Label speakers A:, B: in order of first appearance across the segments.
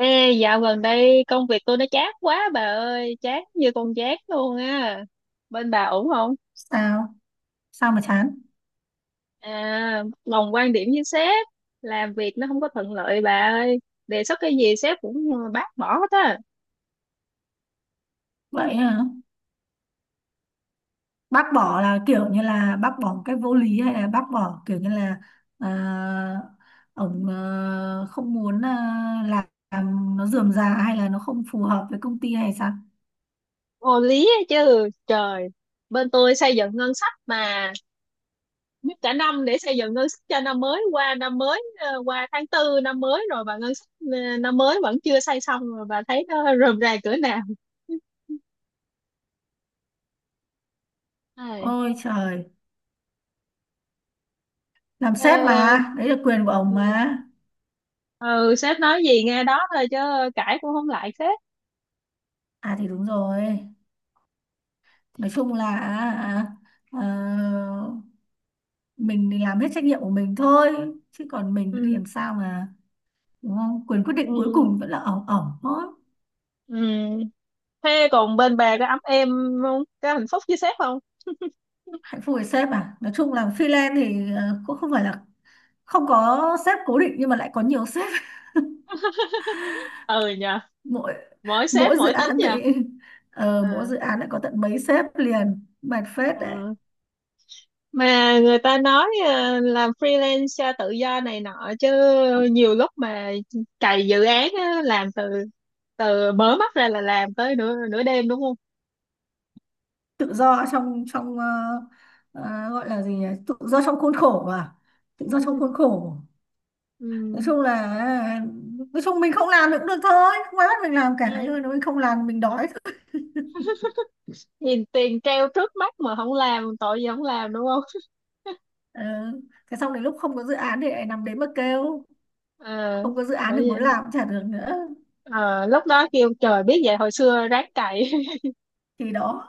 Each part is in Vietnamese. A: Ê, dạo gần đây công việc tôi nó chát quá bà ơi, chát như con chát luôn á. Bên bà ổn không?
B: Sao sao mà chán?
A: À, đồng quan điểm với sếp, làm việc nó không có thuận lợi bà ơi. Đề xuất cái gì sếp cũng bác bỏ hết á.
B: Vậy hả? Bác bỏ là kiểu như là bác bỏ một cách vô lý, hay là bác bỏ kiểu như là, à, ông không muốn, làm nó rườm rà, hay là nó không phù hợp với công ty hay sao?
A: Vô lý á chứ, trời. Bên tôi xây dựng ngân sách mà mất cả năm để xây dựng ngân sách cho năm mới qua năm mới qua tháng tư năm mới rồi mà ngân sách năm mới vẫn chưa xây xong rồi bà thấy nó rườm rà cỡ nào. Ai,
B: Ôi trời, làm sếp mà, đấy là quyền của ông
A: ờ,
B: mà.
A: ừ, sếp nói gì nghe đó thôi chứ cãi cũng không lại sếp.
B: À thì đúng rồi, nói chung là, ờ, mình thì làm hết trách nhiệm của mình thôi, chứ còn mình thì
A: Ừ,
B: làm sao mà, đúng không? Quyền quyết định cuối
A: ừ.
B: cùng vẫn là ổng ổng thôi.
A: Ừ. Thế còn bên bà có ấm em không, có hạnh phúc với sếp không?
B: Hạnh phúc với sếp à, nói chung là freelance thì cũng không phải là không có sếp cố định, nhưng mà lại có nhiều sếp.
A: Ừ nhờ,
B: mỗi
A: mỗi sếp
B: mỗi dự
A: mỗi tính
B: án
A: nhờ.
B: thì, mỗi
A: À,
B: dự án lại có tận mấy sếp liền, mệt phết đấy.
A: à. Mà người ta nói à, làm freelance tự do này nọ chứ nhiều lúc mà cày dự án á, làm từ từ mở mắt ra là làm tới nửa nửa đêm đúng không.
B: Tự do trong trong, gọi là gì nhỉ, tự do trong khuôn khổ mà, tự do trong khuôn khổ.
A: Ừ.
B: Nói chung là, nói chung mình không làm thì cũng được thôi, không ai bắt mình làm cả, nhưng
A: Ừ,
B: mà nếu mình không làm mình đói.
A: nhìn tiền treo trước mắt mà không làm tội gì không làm đúng.
B: Ờ, thế xong đến lúc không có dự án thì lại nằm đấy mà kêu,
A: À,
B: không có dự án
A: bởi
B: thì muốn
A: vậy.
B: làm cũng chả được nữa.
A: À, lúc đó kêu trời biết vậy hồi xưa ráng cày
B: Thì đó,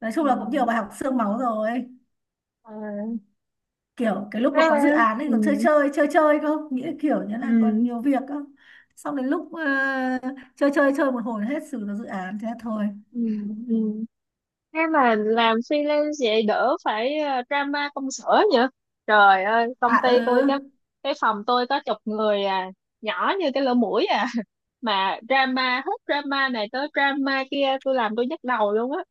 B: nói chung
A: ừ.
B: là cũng nhiều bài học xương máu rồi.
A: À.
B: Kiểu cái lúc mà có dự án ấy
A: Ừ.
B: còn chơi chơi chơi chơi không nghĩa, kiểu như là còn
A: Ừ.
B: nhiều việc cơ, xong đến lúc chơi chơi chơi một hồi hết, xử được dự án thế thôi.
A: Ừ. Ừ. Thế mà làm freelance vậy đỡ phải drama công sở nhỉ. Trời ơi
B: À
A: công ty
B: ừ,
A: tôi cái phòng tôi có chục người à, nhỏ như cái lỗ mũi à, mà drama hết drama này tới drama kia tôi làm tôi nhức đầu luôn á.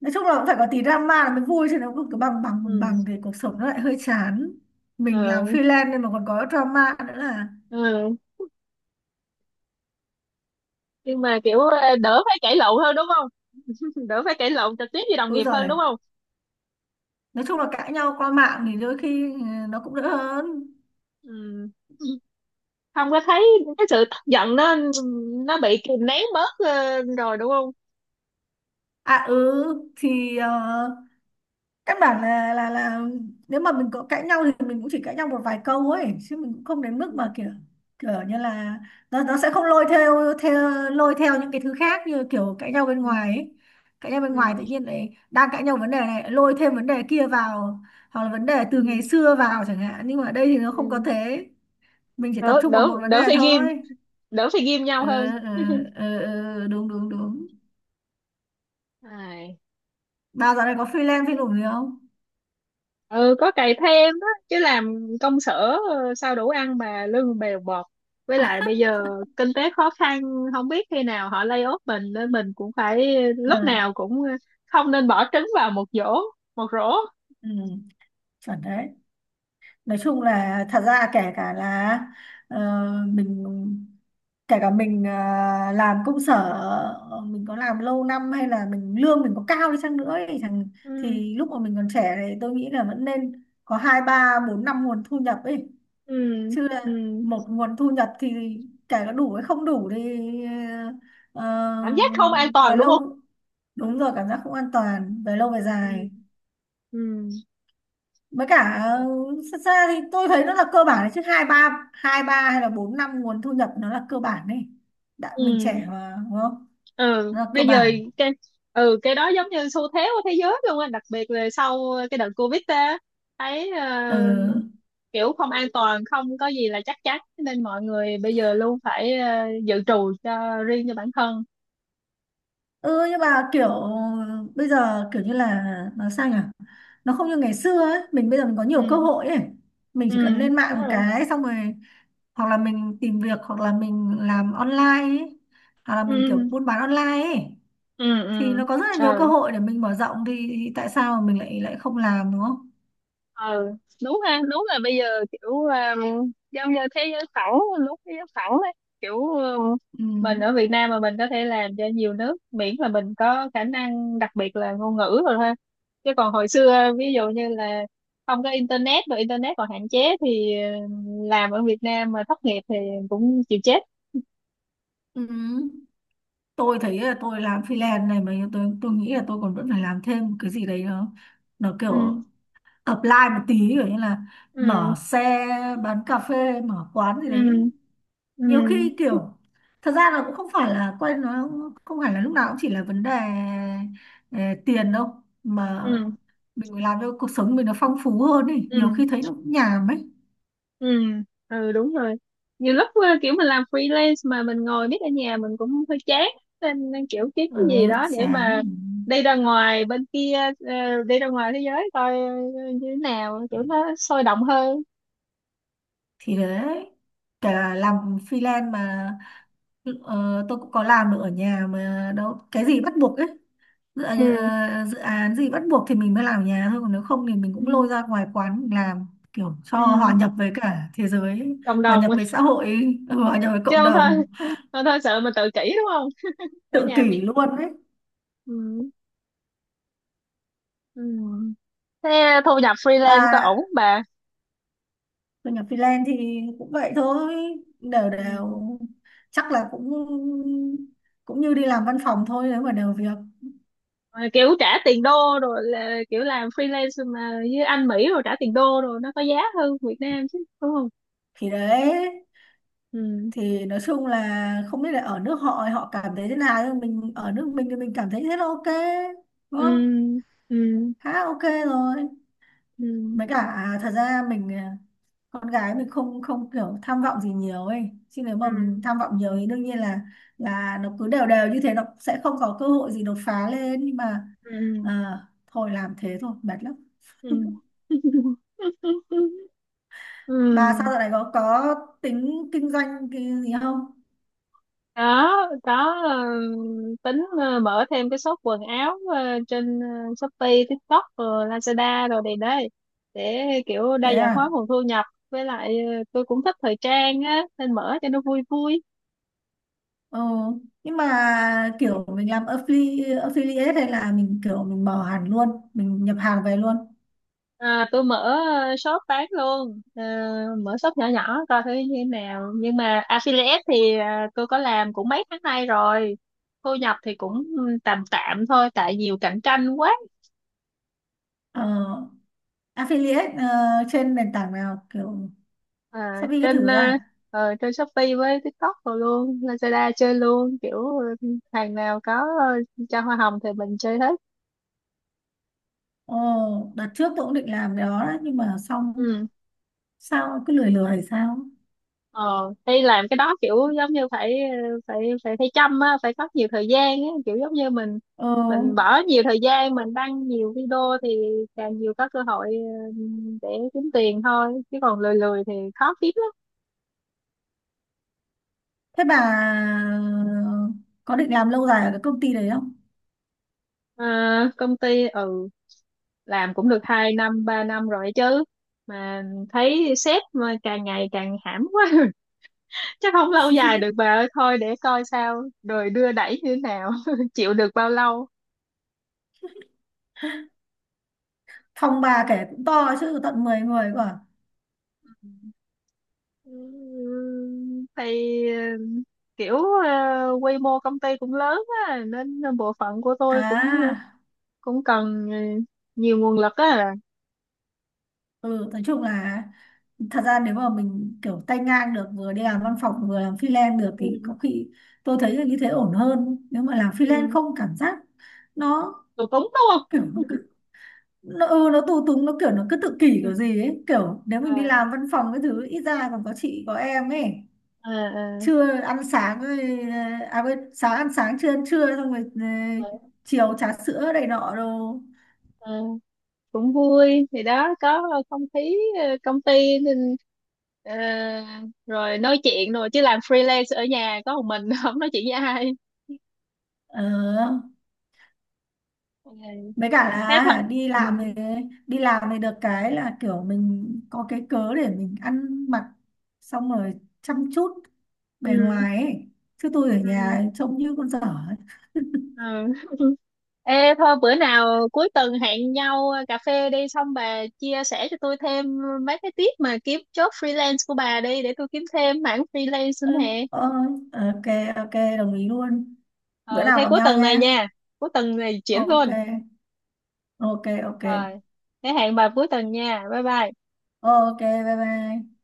B: nói chung là cũng phải có tí drama là mới vui, chứ nó cứ cứ bằng bằng bằng
A: Ừ.
B: bằng thì cuộc sống nó lại hơi chán. Mình
A: Ờ,
B: làm freelance nên mà còn có drama nữa là.
A: ừ. Nhưng mà kiểu đỡ phải cãi lộn hơn đúng không, đỡ phải cãi lộn trực tiếp với đồng
B: Ôi
A: nghiệp hơn
B: giời,
A: đúng không.
B: nói chung là cãi nhau qua mạng thì đôi khi, ừ, nó cũng đỡ hơn.
A: Ừ. Không có thấy cái sự tức giận nó bị kìm nén bớt rồi đúng không.
B: À ừ, thì căn bản là nếu mà mình có cãi nhau thì mình cũng chỉ cãi nhau một vài câu ấy, chứ mình cũng không đến mức
A: Ừ.
B: mà kiểu, kiểu như là, nó sẽ không lôi theo những cái thứ khác như kiểu cãi nhau bên
A: Ừ.
B: ngoài ấy. Cãi nhau bên ngoài tự
A: Ừ.
B: nhiên lại đang cãi nhau vấn đề này lôi thêm vấn đề kia vào, hoặc là vấn đề từ
A: Ừ.
B: ngày xưa vào chẳng hạn, nhưng mà ở đây thì nó không có
A: Ừ.
B: thế. Mình chỉ tập
A: đỡ
B: trung vào một
A: đỡ
B: vấn đề
A: đỡ phải ghim,
B: thôi.
A: đỡ phải ghim nhau
B: Ừ,
A: hơn.
B: ừ, ừ, ừ, đúng đúng đúng.
A: À.
B: Bà dạo này có freelance phim nổi gì không?
A: Ừ, có cày thêm đó chứ làm công sở sao đủ ăn mà lương bèo bọt, với lại bây giờ kinh tế khó khăn không biết khi nào họ lay off mình nên mình cũng phải
B: Ờ,
A: lúc nào cũng không nên bỏ trứng vào một giỏ, một rổ.
B: ừ, chuẩn đấy. Nói chung là, thật ra kể cả là ờ, mình, kể cả mình làm công sở, mình có làm lâu năm hay là mình lương mình có cao đi chăng nữa ấy, chẳng,
A: Ừ,
B: thì lúc mà mình còn trẻ thì tôi nghĩ là vẫn nên có hai ba bốn năm nguồn thu nhập ấy,
A: ừ,
B: chứ
A: ừ,
B: là một nguồn thu nhập thì, kể cả đủ hay không đủ thì, ờ,
A: cảm giác không an
B: về
A: toàn đúng không.
B: lâu, đúng rồi, cảm giác không an toàn về lâu về
A: Ừ,
B: dài.
A: ừ,
B: Với cả xa xa thì tôi thấy nó là cơ bản đấy, chứ hai ba hay là bốn năm nguồn thu nhập nó là cơ bản đấy. Đã mình
A: ừ,
B: trẻ mà, đúng không?
A: ừ.
B: Nó là cơ
A: Bây giờ
B: bản.
A: cái cái đó giống như xu thế của thế giới luôn á, đặc biệt là sau cái đợt Covid á, thấy
B: Ừ.
A: kiểu không an toàn không có gì là chắc chắn nên mọi người bây giờ luôn phải dự trù cho riêng cho bản thân.
B: Ừ, nhưng mà kiểu bây giờ kiểu như là, nó sao nhỉ, nó không như ngày xưa ấy, mình bây giờ mình có nhiều cơ
A: Ừ,
B: hội ấy. Mình
A: ừ,
B: chỉ cần lên
A: đúng
B: mạng một
A: rồi.
B: cái xong rồi, hoặc là mình tìm việc, hoặc là mình làm online ấy, hoặc là
A: Ừ,
B: mình kiểu buôn bán online ấy,
A: ừ,
B: thì
A: ừ,
B: nó có rất là nhiều cơ
A: ừ,
B: hội để mình mở rộng thì, tại sao mà mình lại lại không làm, đúng không?
A: ừ. Đúng ha, đúng là bây giờ kiểu giống như thế giới phẳng, lúc thế giới phẳng đấy kiểu
B: Ừ.
A: mình ở Việt Nam mà mình có thể làm cho nhiều nước miễn là mình có khả năng đặc biệt là ngôn ngữ rồi ha. Chứ còn hồi xưa ví dụ như là không có internet và internet còn hạn chế thì làm ở Việt Nam mà thất nghiệp thì cũng chịu chết.
B: Ừ. Tôi thấy là tôi làm freelance này mà tôi nghĩ là tôi còn vẫn phải làm thêm cái gì đấy, nó
A: Ừ,
B: kiểu apply một tí, kiểu như là mở
A: ừ,
B: xe bán cà phê, mở quán gì
A: ừ,
B: đấy.
A: ừ,
B: Nhiều khi kiểu, thật ra là cũng không phải là quen, nó không phải là lúc nào cũng chỉ là vấn đề ờ, tiền đâu, mà
A: ừ,
B: mình phải làm cho cuộc sống mình nó phong phú hơn ý, nhiều
A: ừ,
B: khi thấy nó cũng nhàm ấy.
A: ừ, ừ, đúng rồi. Nhiều lúc kiểu mình làm freelance mà mình ngồi biết ở nhà mình cũng hơi chán, nên kiểu kiếm
B: Ờ,
A: cái gì đó để
B: chán.
A: mà đi ra ngoài bên kia, đi ra ngoài thế giới coi như thế nào kiểu nó sôi động hơn.
B: Thì đấy, kể cả làm freelance mà, tôi cũng có làm được ở nhà mà đâu cái gì bắt buộc ấy. dự,
A: Ừ.
B: ờ, Dự án gì bắt buộc thì mình mới làm ở nhà thôi, còn nếu không thì mình
A: Ừ,
B: cũng lôi ra ngoài quán mình làm, kiểu cho
A: ừ,
B: hòa nhập với cả thế giới.
A: cộng
B: Hòa
A: đồng
B: nhập với xã hội hòa nhập với
A: chứ
B: cộng
A: không thôi
B: đồng.
A: không thôi sợ mình tự kỷ đúng không, ở
B: Tự
A: nhà.
B: kỷ luôn đấy.
A: Ừ, ừ. Thế thu nhập freelance có ổn
B: Và
A: không bà?
B: thu nhập freelance thì cũng vậy thôi, đều
A: Ừ.
B: đều, chắc là cũng cũng như đi làm văn phòng thôi, nếu mà đều việc.
A: Ờ, kiểu trả tiền đô, rồi là kiểu làm freelance mà với anh Mỹ rồi trả tiền đô rồi nó có giá hơn Việt Nam chứ đúng không.
B: Thì đấy,
A: Ừ,
B: thì nói chung là không biết là ở nước họ họ cảm thấy thế nào, nhưng mình ở nước mình thì mình cảm thấy thế là ok, đúng
A: ừ,
B: không?
A: ừ,
B: Khá ok rồi.
A: ừ,
B: Với cả, thật ra mình, con gái mình không không kiểu tham vọng gì nhiều ấy, chứ nếu mà mình
A: ừ,
B: tham vọng nhiều thì đương nhiên là nó cứ đều đều như thế, nó sẽ không có cơ hội gì đột phá lên, nhưng mà
A: ừ,
B: à, thôi làm thế thôi, mệt lắm.
A: ừ ừ.
B: Bà sao dạo này có tính kinh doanh cái gì không?
A: Đó, đó, tính mở thêm cái shop quần áo Shopee, TikTok rồi Lazada rồi này đây, để kiểu
B: Thế
A: đa dạng hóa
B: à?
A: nguồn thu nhập với lại tôi cũng thích thời trang á nên mở cho nó vui vui.
B: Ờ, nhưng mà kiểu mình làm affiliate hay là mình kiểu mình mở hẳn luôn, mình nhập hàng về luôn.
A: À, tôi mở shop bán luôn. Ờ, Mở shop nhỏ nhỏ coi thử như thế nào, nhưng mà affiliate thì tôi có làm cũng mấy tháng nay rồi, thu nhập thì cũng tạm tạm thôi tại nhiều cạnh tranh quá.
B: Ờ, affiliate trên nền tảng nào kiểu
A: À,
B: Shopee cái
A: trên
B: thứ
A: ờ,
B: à?
A: ờ, trên Shopee với TikTok rồi luôn Lazada chơi luôn, kiểu hàng nào có cho hoa hồng thì mình chơi hết.
B: Ồ, đợt trước tôi cũng định làm cái đó đấy, nhưng mà xong
A: Ừ.
B: sao cứ lười lười hay sao?
A: ờ Hay làm cái đó kiểu giống như phải, phải phải chăm á, phải có nhiều thời gian á kiểu giống như mình
B: Ờ,
A: mình bỏ nhiều thời gian mình đăng nhiều video thì càng nhiều có cơ hội, ừ, để kiếm tiền thôi chứ còn lười lười thì khó kiếm lắm.
B: thế bà có định làm lâu dài ở cái công ty đấy không?
A: À, công ty làm cũng được 2 năm 3 năm rồi chứ, mà thấy sếp mà càng ngày càng hãm quá chắc không lâu dài được bà ơi thôi để coi sao đời đưa đẩy như thế nào chịu được bao lâu.
B: Phòng bà kể cũng to, chứ tận 10 người cơ à?
A: Thì ờ, kiểu quy mô công ty cũng lớn á nên bộ phận của tôi cũng
B: À,
A: cũng cần nhiều nguồn lực á.
B: ừ, nói chung là, thật ra nếu mà mình kiểu tay ngang được, vừa đi làm văn phòng vừa làm freelance được thì
A: Ừ,
B: có khi tôi thấy là như thế ổn hơn, nếu mà làm freelance
A: ừ.
B: không, cảm giác nó
A: Tụi Túng đúng không?
B: kiểu, nó cứ, nó tù túng, nó cứ tự kỷ
A: Ừ.
B: kiểu gì ấy, kiểu nếu mình đi
A: À,
B: làm văn phòng cái thứ ít ra còn có chị có em ấy,
A: à, à,
B: trưa ăn sáng rồi, à quên, sáng ăn sáng, trưa ăn trưa, xong rồi
A: à,
B: chiều trà sữa này nọ đồ.
A: à. Cũng vui thì đó có không khí công ty nên ờ, rồi nói chuyện rồi, chứ làm freelance ở nhà có một mình không nói chuyện với ai.
B: Ờ.
A: Ừ,
B: Với cả
A: thế thôi.
B: là đi
A: Ừ,
B: làm thì đi làm thì được cái là kiểu mình có cái cớ để mình ăn mặc, xong rồi chăm chút bề
A: ừ,
B: ngoài ấy. Chứ tôi ở
A: ừ.
B: nhà trông như con dở ấy.
A: Ừ. Ê thôi bữa nào cuối tuần hẹn nhau cà phê đi, xong bà chia sẻ cho tôi thêm mấy cái tip mà kiếm job freelance của bà đi để tôi kiếm thêm mảng freelance nữa
B: Ừ,
A: nè.
B: ok ok, đồng ý luôn. Bữa
A: Ừ
B: nào
A: thế
B: gặp
A: cuối
B: nhau
A: tuần này
B: nha.
A: nha. Cuối tuần này chuyển
B: Ok,
A: luôn.
B: ok, ok,
A: Rồi. Thế hẹn bà cuối tuần nha. Bye bye.
B: ok, bye bye.